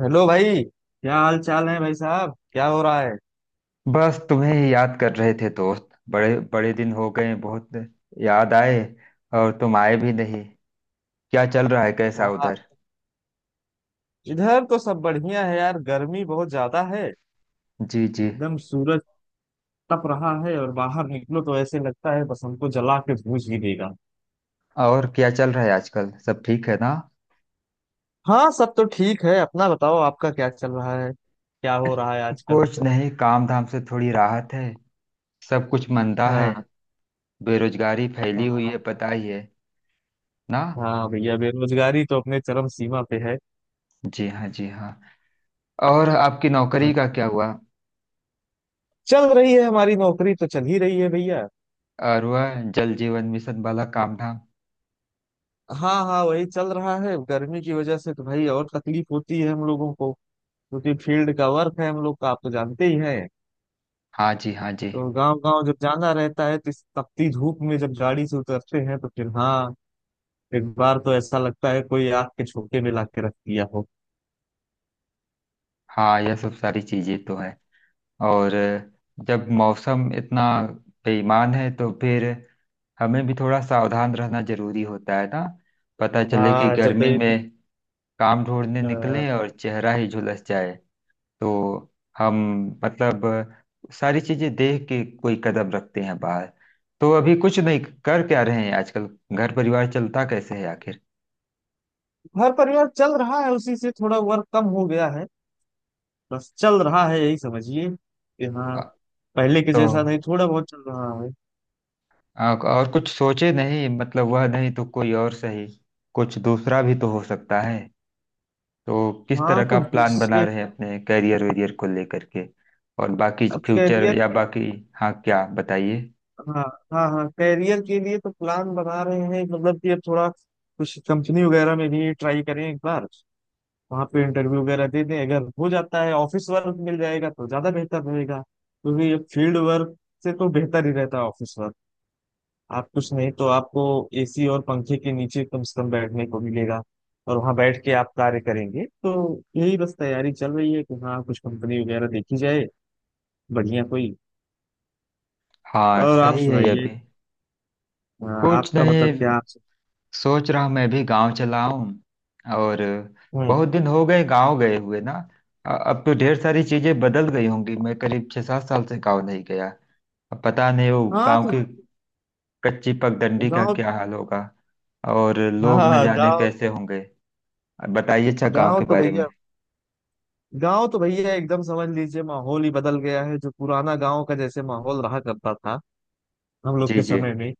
Hello भाई, क्या हाल चाल है भाई साहब, क्या हो रहा है। बस तुम्हें ही याद कर रहे थे दोस्त। बड़े बड़े दिन हो गए, बहुत याद आए, और तुम आए भी नहीं। क्या चल रहा है, कैसा हाँ, उधर? इधर तो सब बढ़िया है यार। गर्मी बहुत ज्यादा है। जी जी। एकदम सूरज तप रहा है, और बाहर निकलो तो ऐसे लगता है बस हमको जला के भूज ही देगा। और क्या चल रहा है आजकल, सब ठीक है ना? हाँ, सब तो ठीक है। अपना बताओ, आपका क्या चल रहा है, क्या हो रहा है आजकल। कुछ नहीं, काम धाम से थोड़ी राहत है। सब कुछ मंदा है। हाँ। बेरोजगारी फैली हुई हाँ। है, पता ही है ना। हाँ भैया, बेरोजगारी तो अपने चरम सीमा पे है। जी हाँ, जी हाँ। और आपकी नौकरी हाँ। का क्या हुआ? चल रही है, हमारी नौकरी तो चल ही रही है भैया। और वह जल जीवन मिशन वाला काम धाम? हाँ हाँ, वही चल रहा है। गर्मी की वजह से तो भाई और तकलीफ होती है हम लोगों को, क्योंकि फील्ड का वर्क है हम लोग का, आप तो जानते ही हैं। हाँ जी, हाँ जी। तो गांव गांव जब जाना रहता है तो इस तपती धूप में जब गाड़ी से उतरते हैं, तो फिर हाँ, एक बार तो ऐसा लगता है कोई आग के झोंके में ला के रख दिया हो। हाँ, यह सब सारी चीजें तो है। और जब मौसम इतना बेईमान है तो फिर हमें भी थोड़ा सावधान रहना जरूरी होता है ना। पता चले कि हाँ जब गर्मी ये, में काम ढूंढने अ, निकले और चेहरा ही झुलस जाए। तो हम, मतलब, सारी चीजें देख के कोई कदम रखते हैं बाहर। तो अभी कुछ नहीं, कर क्या रहे हैं आजकल? घर परिवार चलता कैसे है आखिर? घर परिवार चल रहा है, उसी से थोड़ा वर्क कम हो गया है। बस चल रहा है, यही समझिए कि अ, हाँ, पहले के तो जैसा नहीं, थोड़ा बहुत चल रहा है। और कुछ सोचे नहीं, मतलब वह नहीं तो कोई और सही। कुछ दूसरा भी तो हो सकता है। तो किस हाँ, तरह का कुछ प्लान बना दूसरे। रहे हैं अपने करियर वेरियर को लेकर के, और बाकी अब फ्यूचर कैरियर। या बाकी? हाँ, क्या बताइए। हाँ हाँ हाँ, करियर के लिए तो प्लान बना रहे हैं। मतलब कि अब थोड़ा कुछ कंपनी वगैरह में भी ट्राई करें एक बार, वहाँ पे इंटरव्यू वगैरह दे दें। अगर हो जाता है ऑफिस वर्क मिल जाएगा तो ज्यादा बेहतर रहेगा, क्योंकि फील्ड वर्क से तो बेहतर ही रहता है ऑफिस वर्क। आप कुछ नहीं तो आपको एसी और पंखे के नीचे कम से कम बैठने को मिलेगा, और वहाँ बैठ के आप कार्य करेंगे। तो यही बस तैयारी चल रही है कि हाँ, कुछ कंपनी वगैरह देखी जाए बढ़िया कोई। हाँ, और आप सही है ये सुनाइए। भी। हाँ, कुछ आपका मतलब नहीं, क्या। सोच रहा हूँ मैं भी गांव चला हूँ। और आप। बहुत दिन हो गए गांव गए हुए ना। अब तो ढेर सारी चीजें बदल गई होंगी। मैं करीब 6 7 साल से गांव नहीं गया। अब पता नहीं वो हाँ गांव तो की कच्ची पगडंडी का गांव। क्या हाल होगा, और हाँ लोग न हाँ, जाने गांव। कैसे होंगे। अब बताइए अच्छा गांव गांव के तो बारे में। भैया, गांव तो भैया एकदम समझ लीजिए, माहौल ही बदल गया है। जो पुराना गांव का जैसे माहौल रहा करता था हम लोग जी के जी। समय में,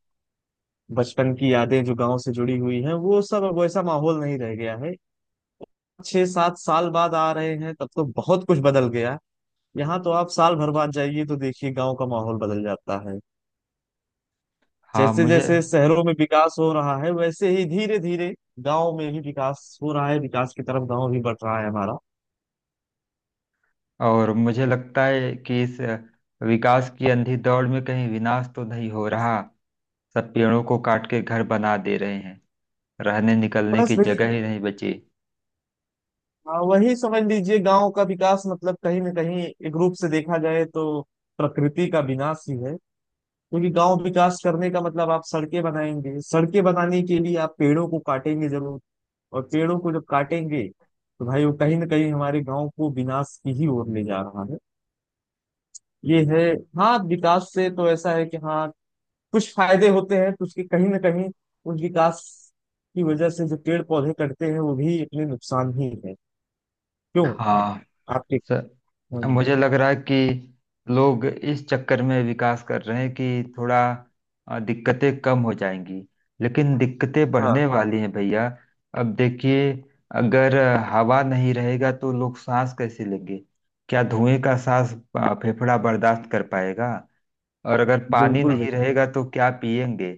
बचपन की यादें जो गांव से जुड़ी हुई हैं, वो सब अब वैसा माहौल नहीं रह गया है। छह सात साल बाद आ रहे हैं, तब तो बहुत कुछ बदल गया। यहाँ तो आप साल भर बाद जाइए तो देखिए गांव का माहौल बदल जाता है। हाँ जैसे मुझे। जैसे शहरों में विकास हो रहा है, वैसे ही धीरे धीरे गांव में भी विकास हो रहा है। विकास की तरफ गांव भी बढ़ रहा है हमारा। और मुझे लगता है कि इस विकास की अंधी दौड़ में कहीं विनाश तो नहीं हो रहा। सब पेड़ों को काट के घर बना दे रहे हैं। रहने निकलने की बस। जगह ही नहीं बची। हाँ, वही समझ लीजिए, गांव का विकास मतलब कहीं ना कहीं, एक रूप से देखा जाए तो प्रकृति का विनाश ही है। क्योंकि गांव विकास करने का मतलब आप सड़कें बनाएंगे, सड़कें बनाने के लिए आप पेड़ों को काटेंगे जरूर। और पेड़ों को जब काटेंगे तो भाई वो कहीं ना कहीं हमारे गांव को विनाश की ही ओर ले जा रहा है। ये है। हाँ, विकास से तो ऐसा है कि हाँ, कुछ फायदे होते हैं तो उसके कहीं ना कहीं उस विकास की वजह से जो पेड़ पौधे कटते हैं वो भी अपने नुकसान ही है। क्यों हाँ। आपके। सर, अब हम्म, मुझे लग रहा है कि लोग इस चक्कर में विकास कर रहे हैं कि थोड़ा दिक्कतें कम हो जाएंगी, लेकिन दिक्कतें हाँ, बढ़ने वाली हैं भैया। अब देखिए, अगर हवा नहीं रहेगा तो लोग सांस कैसे लेंगे? क्या धुएं का सांस फेफड़ा बर्दाश्त कर पाएगा? और अगर पानी बिल्कुल नहीं भैया। रहेगा तो क्या पिएंगे?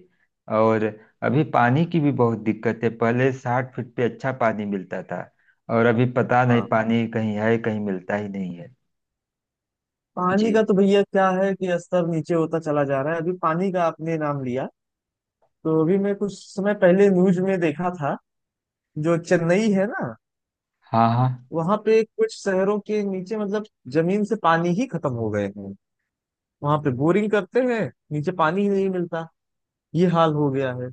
और अभी पानी की भी बहुत दिक्कत है। पहले 60 फीट पे अच्छा पानी मिलता था, और अभी पता नहीं हाँ, पानी कहीं है, कहीं मिलता ही नहीं है। जी। पानी का तो भैया क्या है कि स्तर नीचे होता चला जा रहा है। अभी पानी का आपने नाम लिया, तो अभी मैं कुछ समय पहले न्यूज में देखा था। जो चेन्नई है ना, हाँ हाँ वहां पे कुछ शहरों के नीचे मतलब जमीन से पानी ही खत्म हो गए हैं। वहां पे बोरिंग करते हैं, नीचे पानी ही नहीं मिलता। ये हाल हो गया है।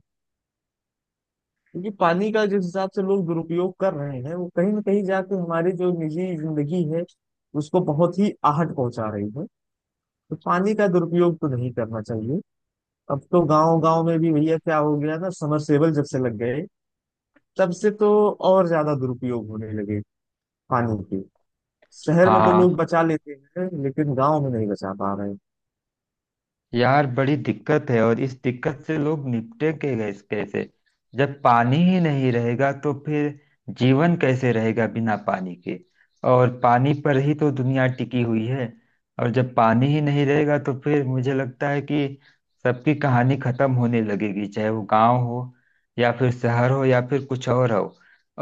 क्योंकि पानी का जिस हिसाब से लोग दुरुपयोग कर रहे हैं, वो कहीं ना कहीं जाके हमारी जो निजी जिंदगी है उसको बहुत ही आहट पहुंचा रही है। तो पानी का दुरुपयोग तो नहीं करना चाहिए। अब तो गांव गांव में भी भैया क्या हो गया ना, समरसेबल जब से लग गए तब से तो और ज्यादा दुरुपयोग होने लगे पानी के। शहर में तो हाँ। लोग बचा लेते हैं, लेकिन गांव में नहीं बचा पा रहे हैं। यार बड़ी दिक्कत है, और इस दिक्कत से लोग निपटेंगे गैस कैसे? जब पानी ही नहीं रहेगा तो फिर जीवन कैसे रहेगा बिना पानी के? और पानी पर ही तो दुनिया टिकी हुई है। और जब पानी ही नहीं रहेगा तो फिर मुझे लगता है कि सबकी कहानी खत्म होने लगेगी, चाहे वो गांव हो या फिर शहर हो या फिर कुछ और हो।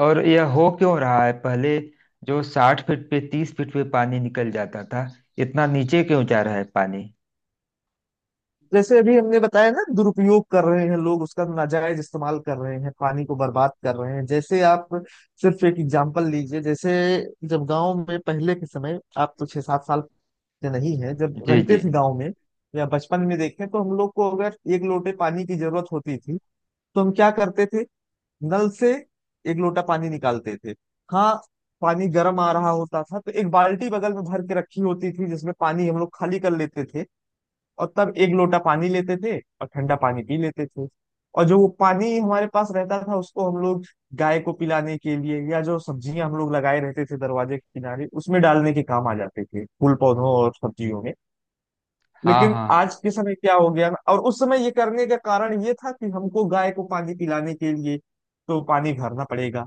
और यह हो क्यों रहा है? पहले जो 60 फीट पे, 30 फीट पे पानी निकल जाता था, इतना नीचे क्यों जा रहा है पानी? जैसे अभी हमने बताया ना, दुरुपयोग कर रहे हैं लोग, उसका नाजायज इस्तेमाल कर रहे हैं, पानी को बर्बाद कर रहे हैं। जैसे आप सिर्फ एक एग्जांपल लीजिए, जैसे जब गांव में पहले के समय, आप तो छह सात साल से नहीं है जब जी रहते जी। थे गांव में या बचपन में देखें, तो हम लोग को अगर एक लोटे पानी की जरूरत होती थी तो हम क्या करते थे, नल से एक लोटा पानी निकालते थे। हाँ, पानी गर्म आ रहा होता था तो एक बाल्टी बगल में भर के रखी होती थी, जिसमें पानी हम लोग खाली कर लेते थे, और तब एक लोटा पानी लेते थे और ठंडा पानी पी लेते थे। और जो वो पानी हमारे पास रहता था उसको हम लोग गाय को पिलाने के लिए, या जो सब्जियां हम लोग लगाए रहते थे दरवाजे के किनारे उसमें डालने के काम आ जाते थे, फूल पौधों और सब्जियों में। हाँ लेकिन हाँ आज के समय क्या हो गया, और उस समय ये करने का कारण ये था कि हमको गाय को पानी पिलाने के लिए तो पानी भरना पड़ेगा,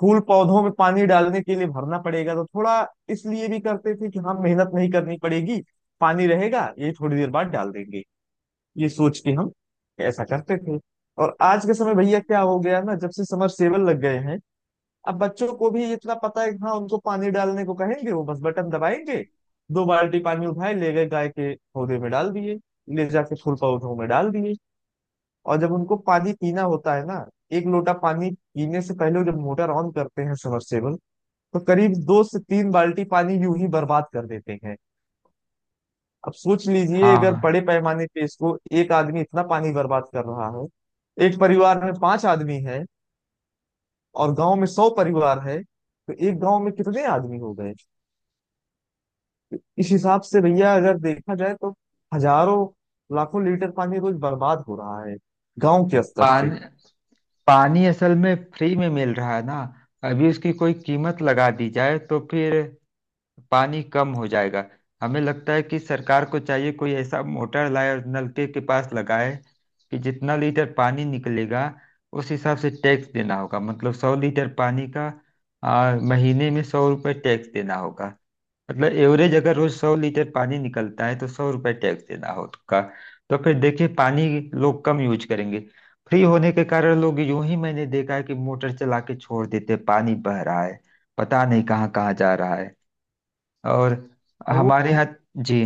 फूल पौधों में पानी डालने के लिए भरना पड़ेगा, तो थोड़ा इसलिए भी करते थे कि हम मेहनत नहीं करनी पड़ेगी, पानी रहेगा ये थोड़ी देर बाद डाल देंगे, ये सोच के हम ऐसा करते थे। और आज के समय भैया क्या हो गया ना, जब से समरसेबल लग गए हैं अब बच्चों को भी इतना पता है कि हाँ, उनको पानी डालने को कहेंगे वो बस बटन दबाएंगे, दो बाल्टी पानी उठाए ले गए गाय के पौधे में डाल दिए, ले जाके फूल पौधों में डाल दिए। और जब उनको पानी पीना होता है ना, एक लोटा पानी पीने से पहले जब मोटर ऑन करते हैं सबमर्सिबल, तो करीब दो से तीन बाल्टी पानी यूं ही बर्बाद कर देते हैं। अब सोच लीजिए, अगर हाँ। बड़े पैमाने पे इसको एक आदमी इतना पानी बर्बाद कर रहा है, एक परिवार में पांच आदमी है और गांव में 100 परिवार है, तो एक गांव में कितने आदमी हो गए। इस हिसाब से भैया अगर देखा जाए तो हजारों लाखों लीटर पानी रोज बर्बाद हो रहा है गांव के स्तर से। पानी, पानी असल में फ्री में मिल रहा है ना। अभी उसकी कोई कीमत लगा दी जाए तो फिर पानी कम हो जाएगा। हमें लगता है कि सरकार को चाहिए कोई ऐसा मोटर लाए और नलके के पास लगाए कि जितना लीटर पानी निकलेगा, उस हिसाब से टैक्स देना होगा। मतलब 100 लीटर पानी का महीने में 100 रुपये टैक्स देना होगा। मतलब एवरेज अगर रोज 100 लीटर पानी निकलता है तो 100 रुपए टैक्स देना होगा। तो फिर देखिए, पानी लोग कम यूज करेंगे। फ्री होने के कारण लोग यूं ही, मैंने देखा है कि मोटर चला के छोड़ देते हैं, पानी बह रहा है, पता नहीं कहाँ कहाँ जा रहा है। और और वो। हमारे यहाँ। जी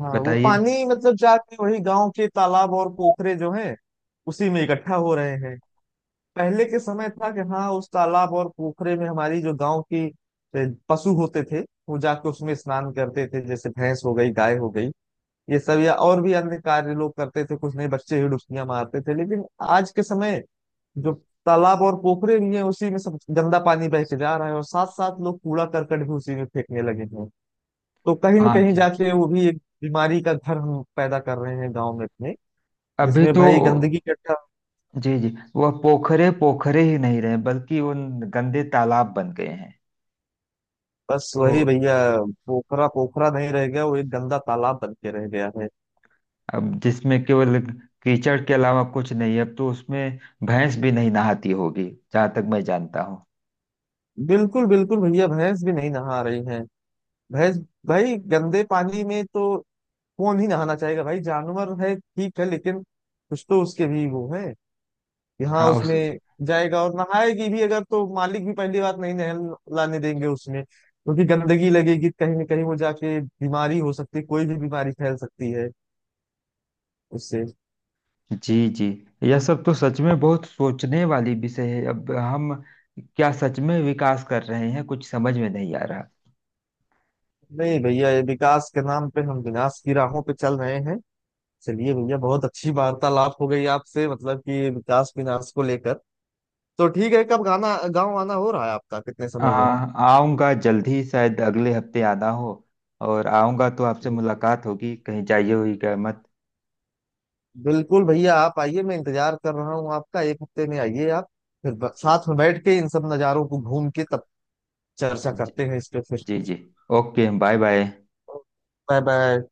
हाँ, वो बताइए। पानी मतलब जाके वही गांव के तालाब और पोखरे जो हैं उसी में इकट्ठा हो रहे हैं। पहले के समय था कि हाँ, उस तालाब और पोखरे में हमारी जो गांव की पशु होते थे वो जाके उसमें स्नान करते थे। जैसे भैंस हो गई, गाय हो गई, ये सब, या और भी अन्य कार्य लोग करते थे, कुछ नहीं बच्चे ही डुबकियां मारते थे। लेकिन आज के समय जो तालाब और पोखरे भी हैं उसी में सब गंदा पानी बह के जा रहा है, और साथ साथ लोग कूड़ा करकट भी उसी में फेंकने लगे हैं, तो कहीं ना हाँ कहीं जी। जाके वो भी एक बीमारी का घर हम पैदा कर रहे हैं गाँव में अपने, अभी जिसमें तो। भाई गंदगी इकट्ठा। जी जी। वह पोखरे पोखरे ही नहीं रहे, बल्कि उन गंदे तालाब बन गए हैं। बस तो वही भैया, पोखरा पोखरा नहीं रह गया, वो एक गंदा तालाब बन के रह गया है। अब जिसमें केवल कीचड़ के अलावा कुछ नहीं है, अब तो उसमें भैंस भी नहीं नहाती होगी, जहां तक मैं जानता हूँ। बिल्कुल बिल्कुल भैया, भैंस भी नहीं नहा रही है। भैंस, भाई गंदे पानी में तो कौन ही नहाना चाहेगा। भाई जानवर है ठीक है, लेकिन कुछ तो उसके भी वो है कि हाँ, हाँ उस। उसमें जाएगा और नहाएगी भी अगर, तो मालिक भी पहली बात नहीं नहल लाने देंगे उसमें, क्योंकि गंदगी लगेगी, कहीं ना कहीं वो जाके बीमारी हो सकती है, कोई भी बीमारी फैल सकती है उससे। जी जी। यह सब तो सच में बहुत सोचने वाली विषय है। अब हम क्या सच में विकास कर रहे हैं, कुछ समझ में नहीं आ रहा। नहीं भैया, ये विकास के नाम पे हम विनाश की राहों पे चल रहे हैं। चलिए भैया, बहुत अच्छी वार्तालाप हो गई आपसे, मतलब कि विकास विनाश को लेकर। तो ठीक है, कब गाना गाँव आना हो रहा है आपका, कितने आ, समय आऊंगा जल्दी, शायद अगले हफ्ते आना हो। और आऊंगा तो आपसे में। मुलाकात होगी, कहीं जाइए हुई मत। बिल्कुल भैया, आप आइए, मैं इंतजार कर रहा हूँ आपका, एक हफ्ते में आइए आप। फिर साथ में बैठ के इन सब नज़ारों को घूम के तब चर्चा करते हैं इस पे फिर। जी जी। Okay, bye bye. Bye bye.